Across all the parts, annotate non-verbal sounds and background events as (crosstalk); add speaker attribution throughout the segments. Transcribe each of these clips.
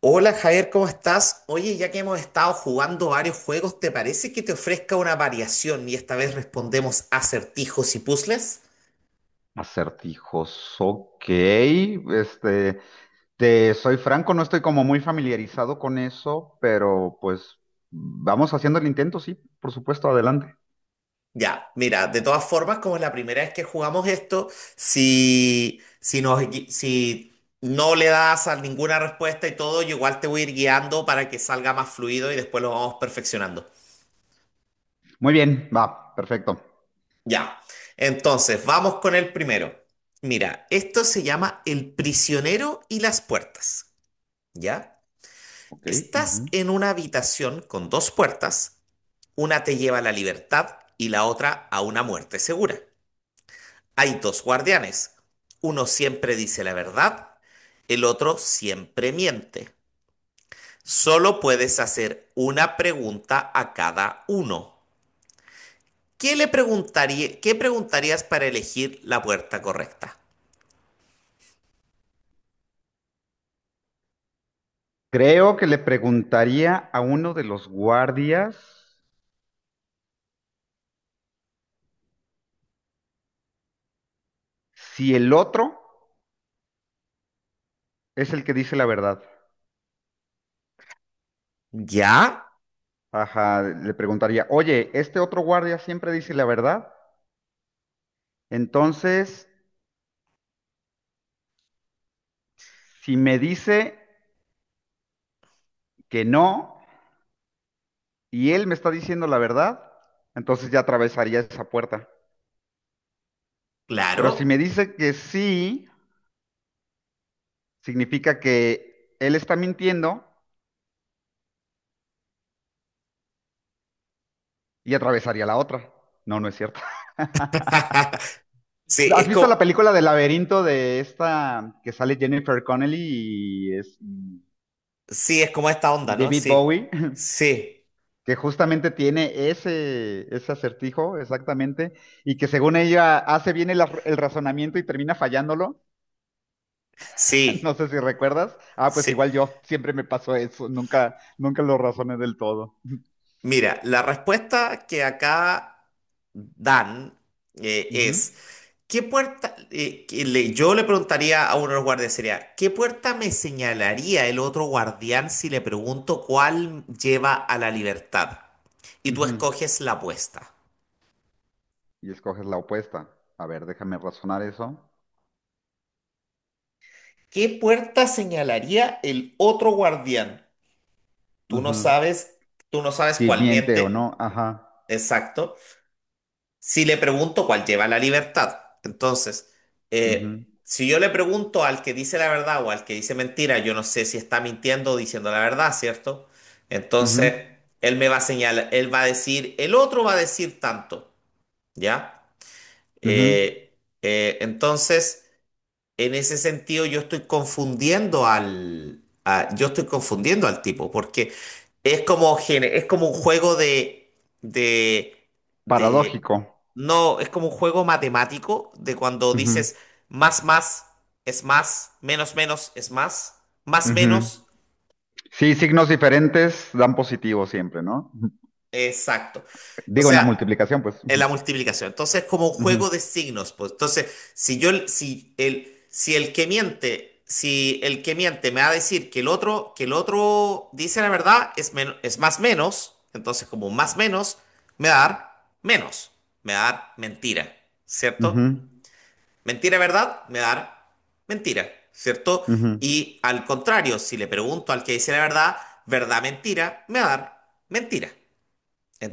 Speaker 1: Hola Javier, ¿cómo estás? Oye, ya que hemos estado jugando varios juegos, ¿te parece que te ofrezca una variación y esta vez respondemos acertijos y puzzles?
Speaker 2: Acertijos, ok. Te soy franco, no estoy como muy familiarizado con eso, pero pues vamos haciendo el intento, sí, por supuesto, adelante.
Speaker 1: Ya, mira, de todas formas, como es la primera vez que jugamos esto, si no le das a ninguna respuesta y todo, yo igual te voy a ir guiando para que salga más fluido y después lo vamos perfeccionando.
Speaker 2: Muy bien, va, perfecto.
Speaker 1: Ya, entonces, vamos con el primero. Mira, esto se llama El prisionero y las puertas. ¿Ya?
Speaker 2: Ok. Ujú.
Speaker 1: Estás en una habitación con dos puertas, una te lleva a la libertad y la otra a una muerte segura. Hay dos guardianes, uno siempre dice la verdad, el otro siempre miente. Solo puedes hacer una pregunta a cada uno. ¿Qué preguntarías para elegir la puerta correcta?
Speaker 2: Creo que le preguntaría a uno de los guardias si el otro es el que dice la verdad.
Speaker 1: ¿Ya?
Speaker 2: Ajá, le preguntaría, oye, ¿este otro guardia siempre dice la verdad? Entonces, si me dice que no y él me está diciendo la verdad, entonces ya atravesaría esa puerta. Pero si me
Speaker 1: Claro.
Speaker 2: dice que sí, significa que él está mintiendo y atravesaría la otra. No, no es cierto. (laughs)
Speaker 1: (laughs) Sí,
Speaker 2: ¿Has
Speaker 1: es
Speaker 2: visto la
Speaker 1: como,
Speaker 2: película del laberinto de esta que sale Jennifer Connelly y, es,
Speaker 1: sí, es como esta
Speaker 2: y
Speaker 1: onda, ¿no?
Speaker 2: David
Speaker 1: Sí,
Speaker 2: Bowie? (laughs)
Speaker 1: sí,
Speaker 2: Que justamente tiene ese acertijo, exactamente, y que según ella hace bien el razonamiento y termina fallándolo. (laughs) No
Speaker 1: sí,
Speaker 2: sé si recuerdas. Ah, pues
Speaker 1: sí.
Speaker 2: igual yo, siempre me pasó eso, nunca, nunca lo razoné del todo.
Speaker 1: Mira, la respuesta que acá dan
Speaker 2: Ujú,
Speaker 1: es, ¿qué puerta? Que le- yo le preguntaría a uno de los guardias, sería, ¿qué puerta me señalaría el otro guardián si le pregunto cuál lleva a la libertad? Y tú
Speaker 2: ujú.
Speaker 1: escoges la apuesta.
Speaker 2: Y escoges la opuesta. A ver, déjame razonar eso.
Speaker 1: ¿Qué puerta señalaría el otro guardián? Tú no
Speaker 2: Ujú.
Speaker 1: sabes, tú no sabes
Speaker 2: Si
Speaker 1: cuál
Speaker 2: miente o
Speaker 1: miente.
Speaker 2: no, ajá.
Speaker 1: Exacto. Si le pregunto cuál lleva la libertad. Entonces,
Speaker 2: Ujú,
Speaker 1: si yo le pregunto al que dice la verdad o al que dice mentira, yo no sé si está mintiendo o diciendo la verdad, ¿cierto?
Speaker 2: ujú,
Speaker 1: Entonces, él me va a señalar, él va a decir, el otro va a decir tanto, ¿ya?
Speaker 2: ujú.
Speaker 1: Entonces... En ese sentido, yo estoy confundiendo al tipo, porque es como, es como un juego de, de,
Speaker 2: Paradójico.
Speaker 1: no, es como un juego matemático de cuando
Speaker 2: Ujú,
Speaker 1: dices más, más es más, menos, menos es más, más,
Speaker 2: ujú.
Speaker 1: menos.
Speaker 2: Sí, signos diferentes dan positivo siempre, ¿no? Ujú.
Speaker 1: Exacto. O
Speaker 2: Digo, en la
Speaker 1: sea,
Speaker 2: multiplicación, pues.
Speaker 1: en
Speaker 2: Ujú,
Speaker 1: la multiplicación. Entonces, como un
Speaker 2: ujú,
Speaker 1: juego de signos, pues. Entonces, si el que miente, si el que miente me va a decir que que el otro dice la verdad, es menos, es más menos, entonces como más menos, me va a dar menos, me va a dar mentira, ¿cierto?
Speaker 2: ujú,
Speaker 1: Mentira, verdad, me va a dar mentira, ¿cierto?
Speaker 2: ujú,
Speaker 1: Y al contrario, si le pregunto al que dice la verdad, verdad, mentira, me va a dar mentira.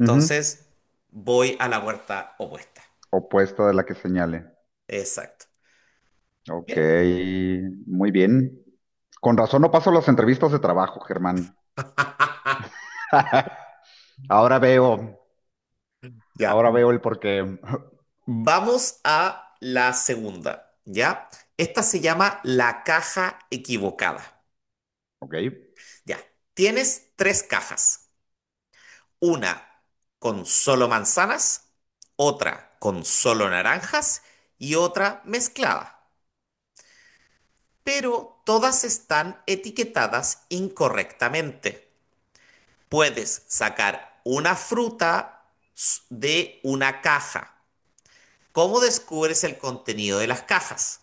Speaker 2: ujú.
Speaker 1: voy a la puerta opuesta.
Speaker 2: Opuesta de la que señale.
Speaker 1: Exacto.
Speaker 2: Ok,
Speaker 1: Mira.
Speaker 2: muy bien. Con razón no paso las entrevistas de trabajo, Germán.
Speaker 1: (laughs)
Speaker 2: (laughs) Ahora veo,
Speaker 1: Ya.
Speaker 2: ahora veo el porqué. (laughs)
Speaker 1: Vamos a la segunda. Ya. Esta se llama la caja equivocada.
Speaker 2: Ok,
Speaker 1: Ya. Tienes tres cajas. Una con solo manzanas, otra con solo naranjas y otra mezclada. Pero todas están etiquetadas incorrectamente. Puedes sacar una fruta de una caja. ¿Cómo descubres el contenido de las cajas?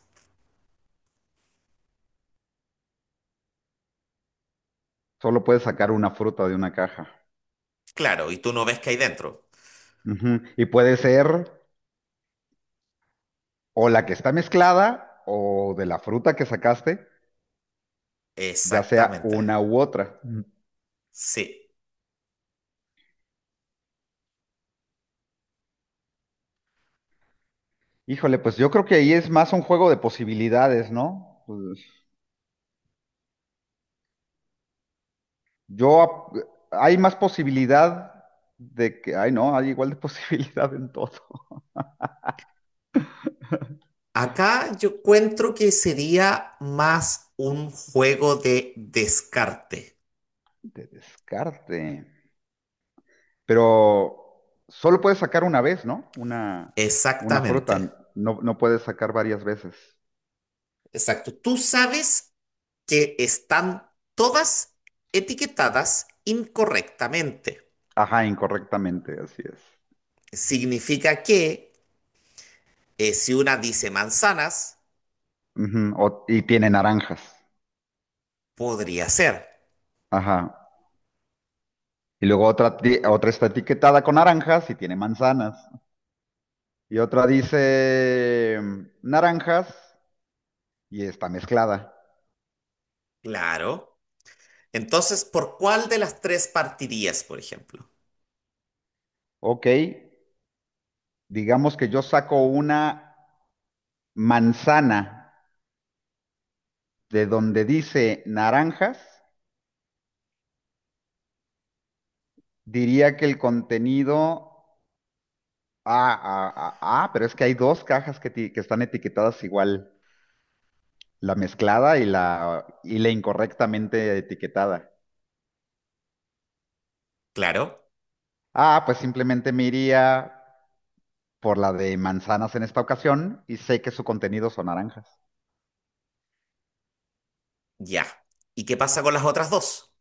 Speaker 2: solo puedes sacar una fruta de una caja.
Speaker 1: Claro, y tú no ves qué hay dentro.
Speaker 2: Ujú. Y puede ser o la que está mezclada o de la fruta que sacaste, ya sea
Speaker 1: Exactamente.
Speaker 2: una u otra. Ujú.
Speaker 1: Sí.
Speaker 2: Híjole, pues yo creo que ahí es más un juego de posibilidades, ¿no? Pues, yo, ap- hay más posibilidad de que, ay no, hay igual de (laughs) posibilidad en todo.
Speaker 1: Acá yo encuentro que sería más un juego de descarte.
Speaker 2: De descarte. Pero solo puedes sacar una vez, ¿no? Una fruta.
Speaker 1: Exactamente.
Speaker 2: No, no puedes sacar varias veces.
Speaker 1: Exacto. Tú sabes que están todas etiquetadas incorrectamente.
Speaker 2: Ajá, incorrectamente, así es.
Speaker 1: Significa que si una dice manzanas,
Speaker 2: Ujú, y tiene naranjas.
Speaker 1: podría ser,
Speaker 2: Ajá. Y luego otra está etiquetada con naranjas y tiene manzanas. Y otra dice naranjas y está mezclada.
Speaker 1: claro. Entonces, ¿por cuál de las tres partirías, por ejemplo?
Speaker 2: Ok, digamos que yo saco una manzana de donde dice naranjas. Diría que el contenido... Ah, ah, ah, ah, pero es que hay dos cajas que están etiquetadas igual, la mezclada y la incorrectamente etiquetada.
Speaker 1: Claro,
Speaker 2: Ah, pues simplemente me iría por la de manzanas en esta ocasión y sé que su contenido son naranjas.
Speaker 1: ya. ¿Y qué pasa con las otras dos?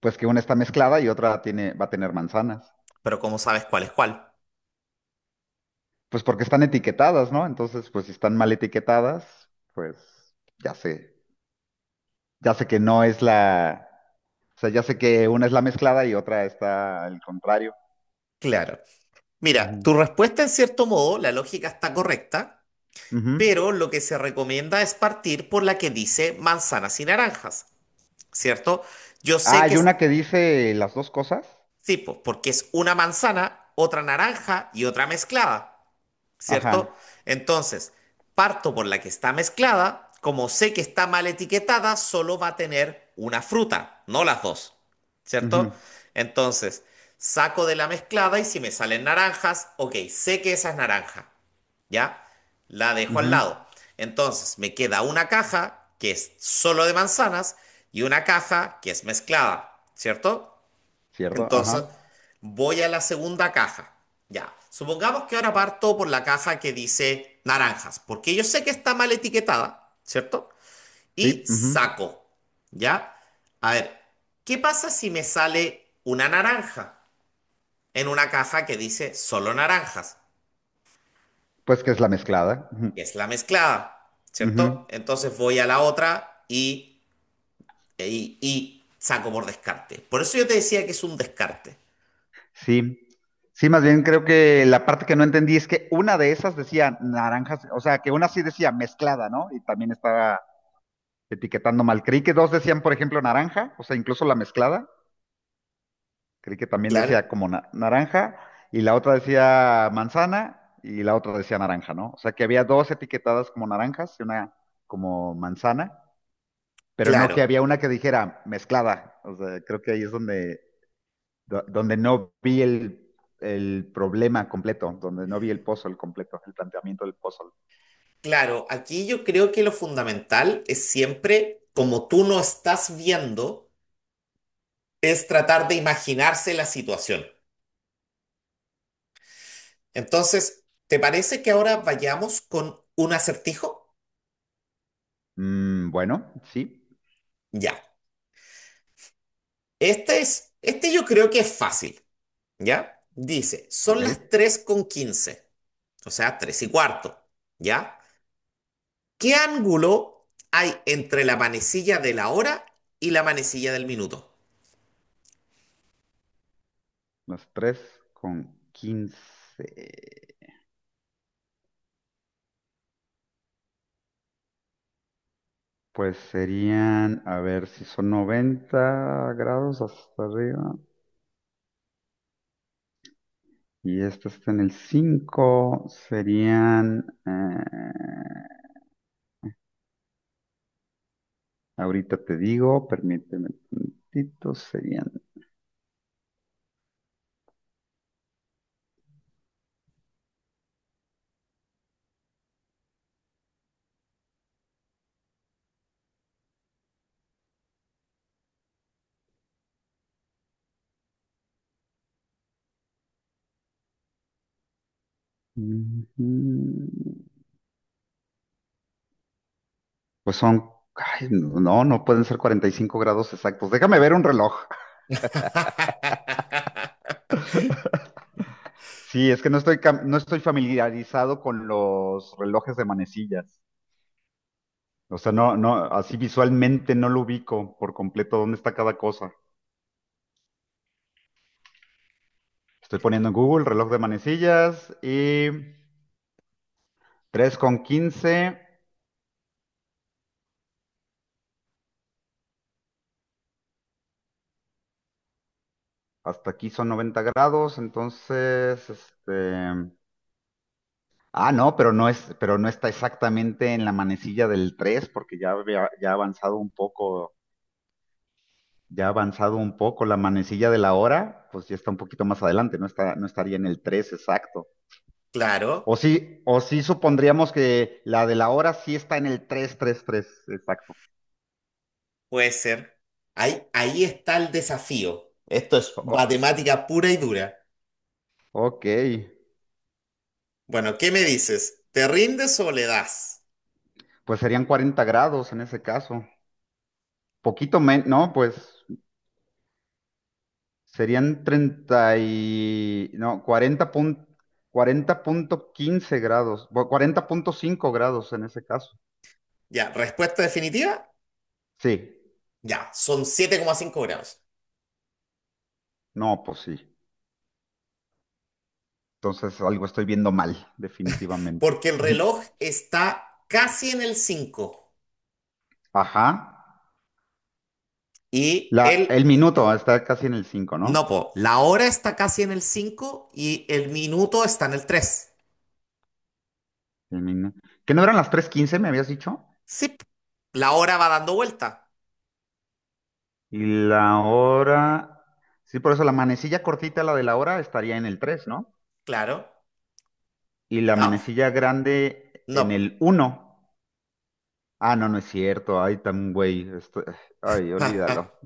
Speaker 2: Pues que una está mezclada y otra va a tener manzanas.
Speaker 1: Pero ¿cómo sabes cuál es cuál?
Speaker 2: Pues porque están etiquetadas, ¿no? Entonces, pues si están mal etiquetadas, pues ya sé, ya sé que no es la, o sea, ya sé que una es la mezclada y otra está al contrario.
Speaker 1: Claro. Mira,
Speaker 2: Ujú,
Speaker 1: tu respuesta en cierto modo, la lógica está correcta,
Speaker 2: ujú.
Speaker 1: pero lo que se recomienda es partir por la que dice manzanas y naranjas, ¿cierto? Yo
Speaker 2: Ah,
Speaker 1: sé que
Speaker 2: hay
Speaker 1: es
Speaker 2: una que dice las dos cosas.
Speaker 1: tipo, porque es una manzana, otra naranja y otra mezclada. ¿Cierto?
Speaker 2: Ajá.
Speaker 1: Entonces, parto por la que está mezclada, como sé que está mal etiquetada, solo va a tener una fruta, no las dos, ¿cierto?
Speaker 2: Ujú,
Speaker 1: Entonces, saco de la mezclada y si me salen naranjas, ok, sé que esa es naranja, ¿ya? La dejo al
Speaker 2: ujú,
Speaker 1: lado. Entonces, me queda una caja que es solo de manzanas y una caja que es mezclada, ¿cierto?
Speaker 2: ¿cierto?
Speaker 1: Entonces,
Speaker 2: Ajá.
Speaker 1: voy a la segunda caja. Ya, supongamos que ahora parto por la caja que dice naranjas, porque yo sé que está mal etiquetada, ¿cierto? Y
Speaker 2: Sí, ujú.
Speaker 1: saco, ¿ya? A ver, ¿qué pasa si me sale una naranja en una caja que dice solo naranjas?
Speaker 2: Pues que es la mezclada. Ujú.
Speaker 1: Que es la mezclada,
Speaker 2: Ujú.
Speaker 1: ¿cierto? Entonces voy a la otra y, y saco por descarte. Por eso yo te decía que es un descarte.
Speaker 2: Sí. Sí, más bien creo que la parte que no entendí es que una de esas decía naranjas, o sea, que una sí decía mezclada, ¿no? Y también estaba etiquetando mal. Creí que dos decían, por ejemplo, naranja, o sea, incluso la mezclada, creí que también decía
Speaker 1: Claro,
Speaker 2: como naranja y la otra decía manzana y la otra decía naranja, ¿no? O sea que había dos etiquetadas como naranjas y una como manzana, pero no que
Speaker 1: claro.
Speaker 2: había una que dijera mezclada. O sea, creo que ahí es donde, donde no vi el problema completo, donde no vi el puzzle completo, el planteamiento del puzzle.
Speaker 1: Claro, aquí yo creo que lo fundamental es siempre, como tú no estás viendo, es tratar de imaginarse la situación. Entonces, ¿te parece que ahora vayamos con un acertijo?
Speaker 2: Mm, bueno, sí,
Speaker 1: Ya. Este yo creo que es fácil, ¿ya? Dice, son
Speaker 2: ok.
Speaker 1: las 3 con 15, o sea, 3 y cuarto, ¿ya? ¿Qué ángulo hay entre la manecilla de la hora y la manecilla del minuto?
Speaker 2: Las 3:15. Pues serían, a ver, si son 90 grados hasta arriba y este está en el 5, serían, ahorita te digo, permíteme un momentito, serían, ujú, pues son, ay, no, no pueden ser 45 grados exactos. Déjame ver un reloj.
Speaker 1: (laughs)
Speaker 2: Sí, es que no estoy familiarizado con los relojes de manecillas. O sea, no, no, así visualmente no lo ubico por completo dónde está cada cosa. Estoy poniendo en Google reloj de manecillas y 3:15. Hasta aquí son 90 grados, entonces. Ah, no, pero no está exactamente en la manecilla del 3 porque ya ha avanzado un poco, ya ha avanzado un poco la manecilla de la hora, pues ya está un poquito más adelante, no estaría en el 3 exacto. O
Speaker 1: Claro.
Speaker 2: sí, o sí supondríamos que la de la hora sí está en el tres, exacto.
Speaker 1: Puede ser. Ahí, ahí está el desafío. Esto es
Speaker 2: O- o-
Speaker 1: matemática pura y dura.
Speaker 2: ok.
Speaker 1: Bueno, ¿qué me dices? ¿Te rindes o le das?
Speaker 2: Pues serían 40 grados en ese caso. Poquito menos, no, pues serían 30 y, no, 40 40.15 grados, 40.5 grados en ese caso.
Speaker 1: Ya, respuesta definitiva.
Speaker 2: Sí,
Speaker 1: Ya, son 7,5 grados.
Speaker 2: no, pues sí. Entonces algo estoy viendo mal, definitivamente.
Speaker 1: Porque el
Speaker 2: (laughs) Ujú.
Speaker 1: reloj está casi en el cinco.
Speaker 2: Ajá.
Speaker 1: Y
Speaker 2: El
Speaker 1: el... y-
Speaker 2: minuto está casi en el cinco,
Speaker 1: No,
Speaker 2: ¿no?
Speaker 1: po, la hora está casi en el 5 y el minuto está en el tres.
Speaker 2: El minu- ¿Que no eran las 3:15 me habías dicho?
Speaker 1: Sí, p- la hora va dando vuelta.
Speaker 2: Y la hora... Sí, por eso la manecilla cortita, la de la hora, estaría en el 3, ¿no?
Speaker 1: Claro.
Speaker 2: Y la
Speaker 1: La-
Speaker 2: manecilla grande
Speaker 1: No,
Speaker 2: en
Speaker 1: po.
Speaker 2: el uno. Ah, no, no es cierto. Ay, tan güey. Ay, olvídalo.
Speaker 1: (laughs)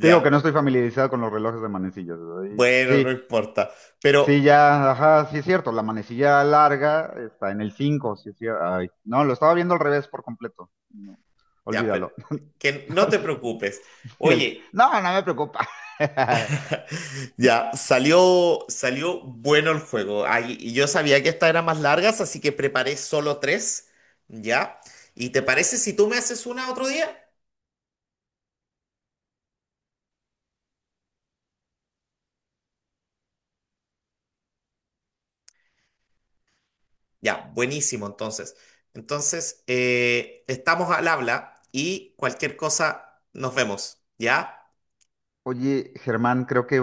Speaker 2: Te digo que no estoy familiarizado con los relojes de manecillas. Ay, pues,
Speaker 1: Bueno, no
Speaker 2: sí,
Speaker 1: importa.
Speaker 2: sí,
Speaker 1: Pero
Speaker 2: ya, ajá, sí es cierto. La manecilla larga está en el cinco, sí es cierto. Ay, no, lo estaba viendo al revés por completo. No,
Speaker 1: Ya, pero
Speaker 2: olvídalo.
Speaker 1: que no te
Speaker 2: (laughs)
Speaker 1: preocupes. Oye,
Speaker 2: No, no me preocupa. (laughs)
Speaker 1: (laughs) ya, salió bueno el juego. Ay, y yo sabía que estas eran más largas, así que preparé solo tres, ¿ya? ¿Y te parece si tú me haces una otro día? Ya, buenísimo, entonces. Entonces, estamos al habla y cualquier cosa, nos vemos, ¿ya?
Speaker 2: Oye, Germán, creo que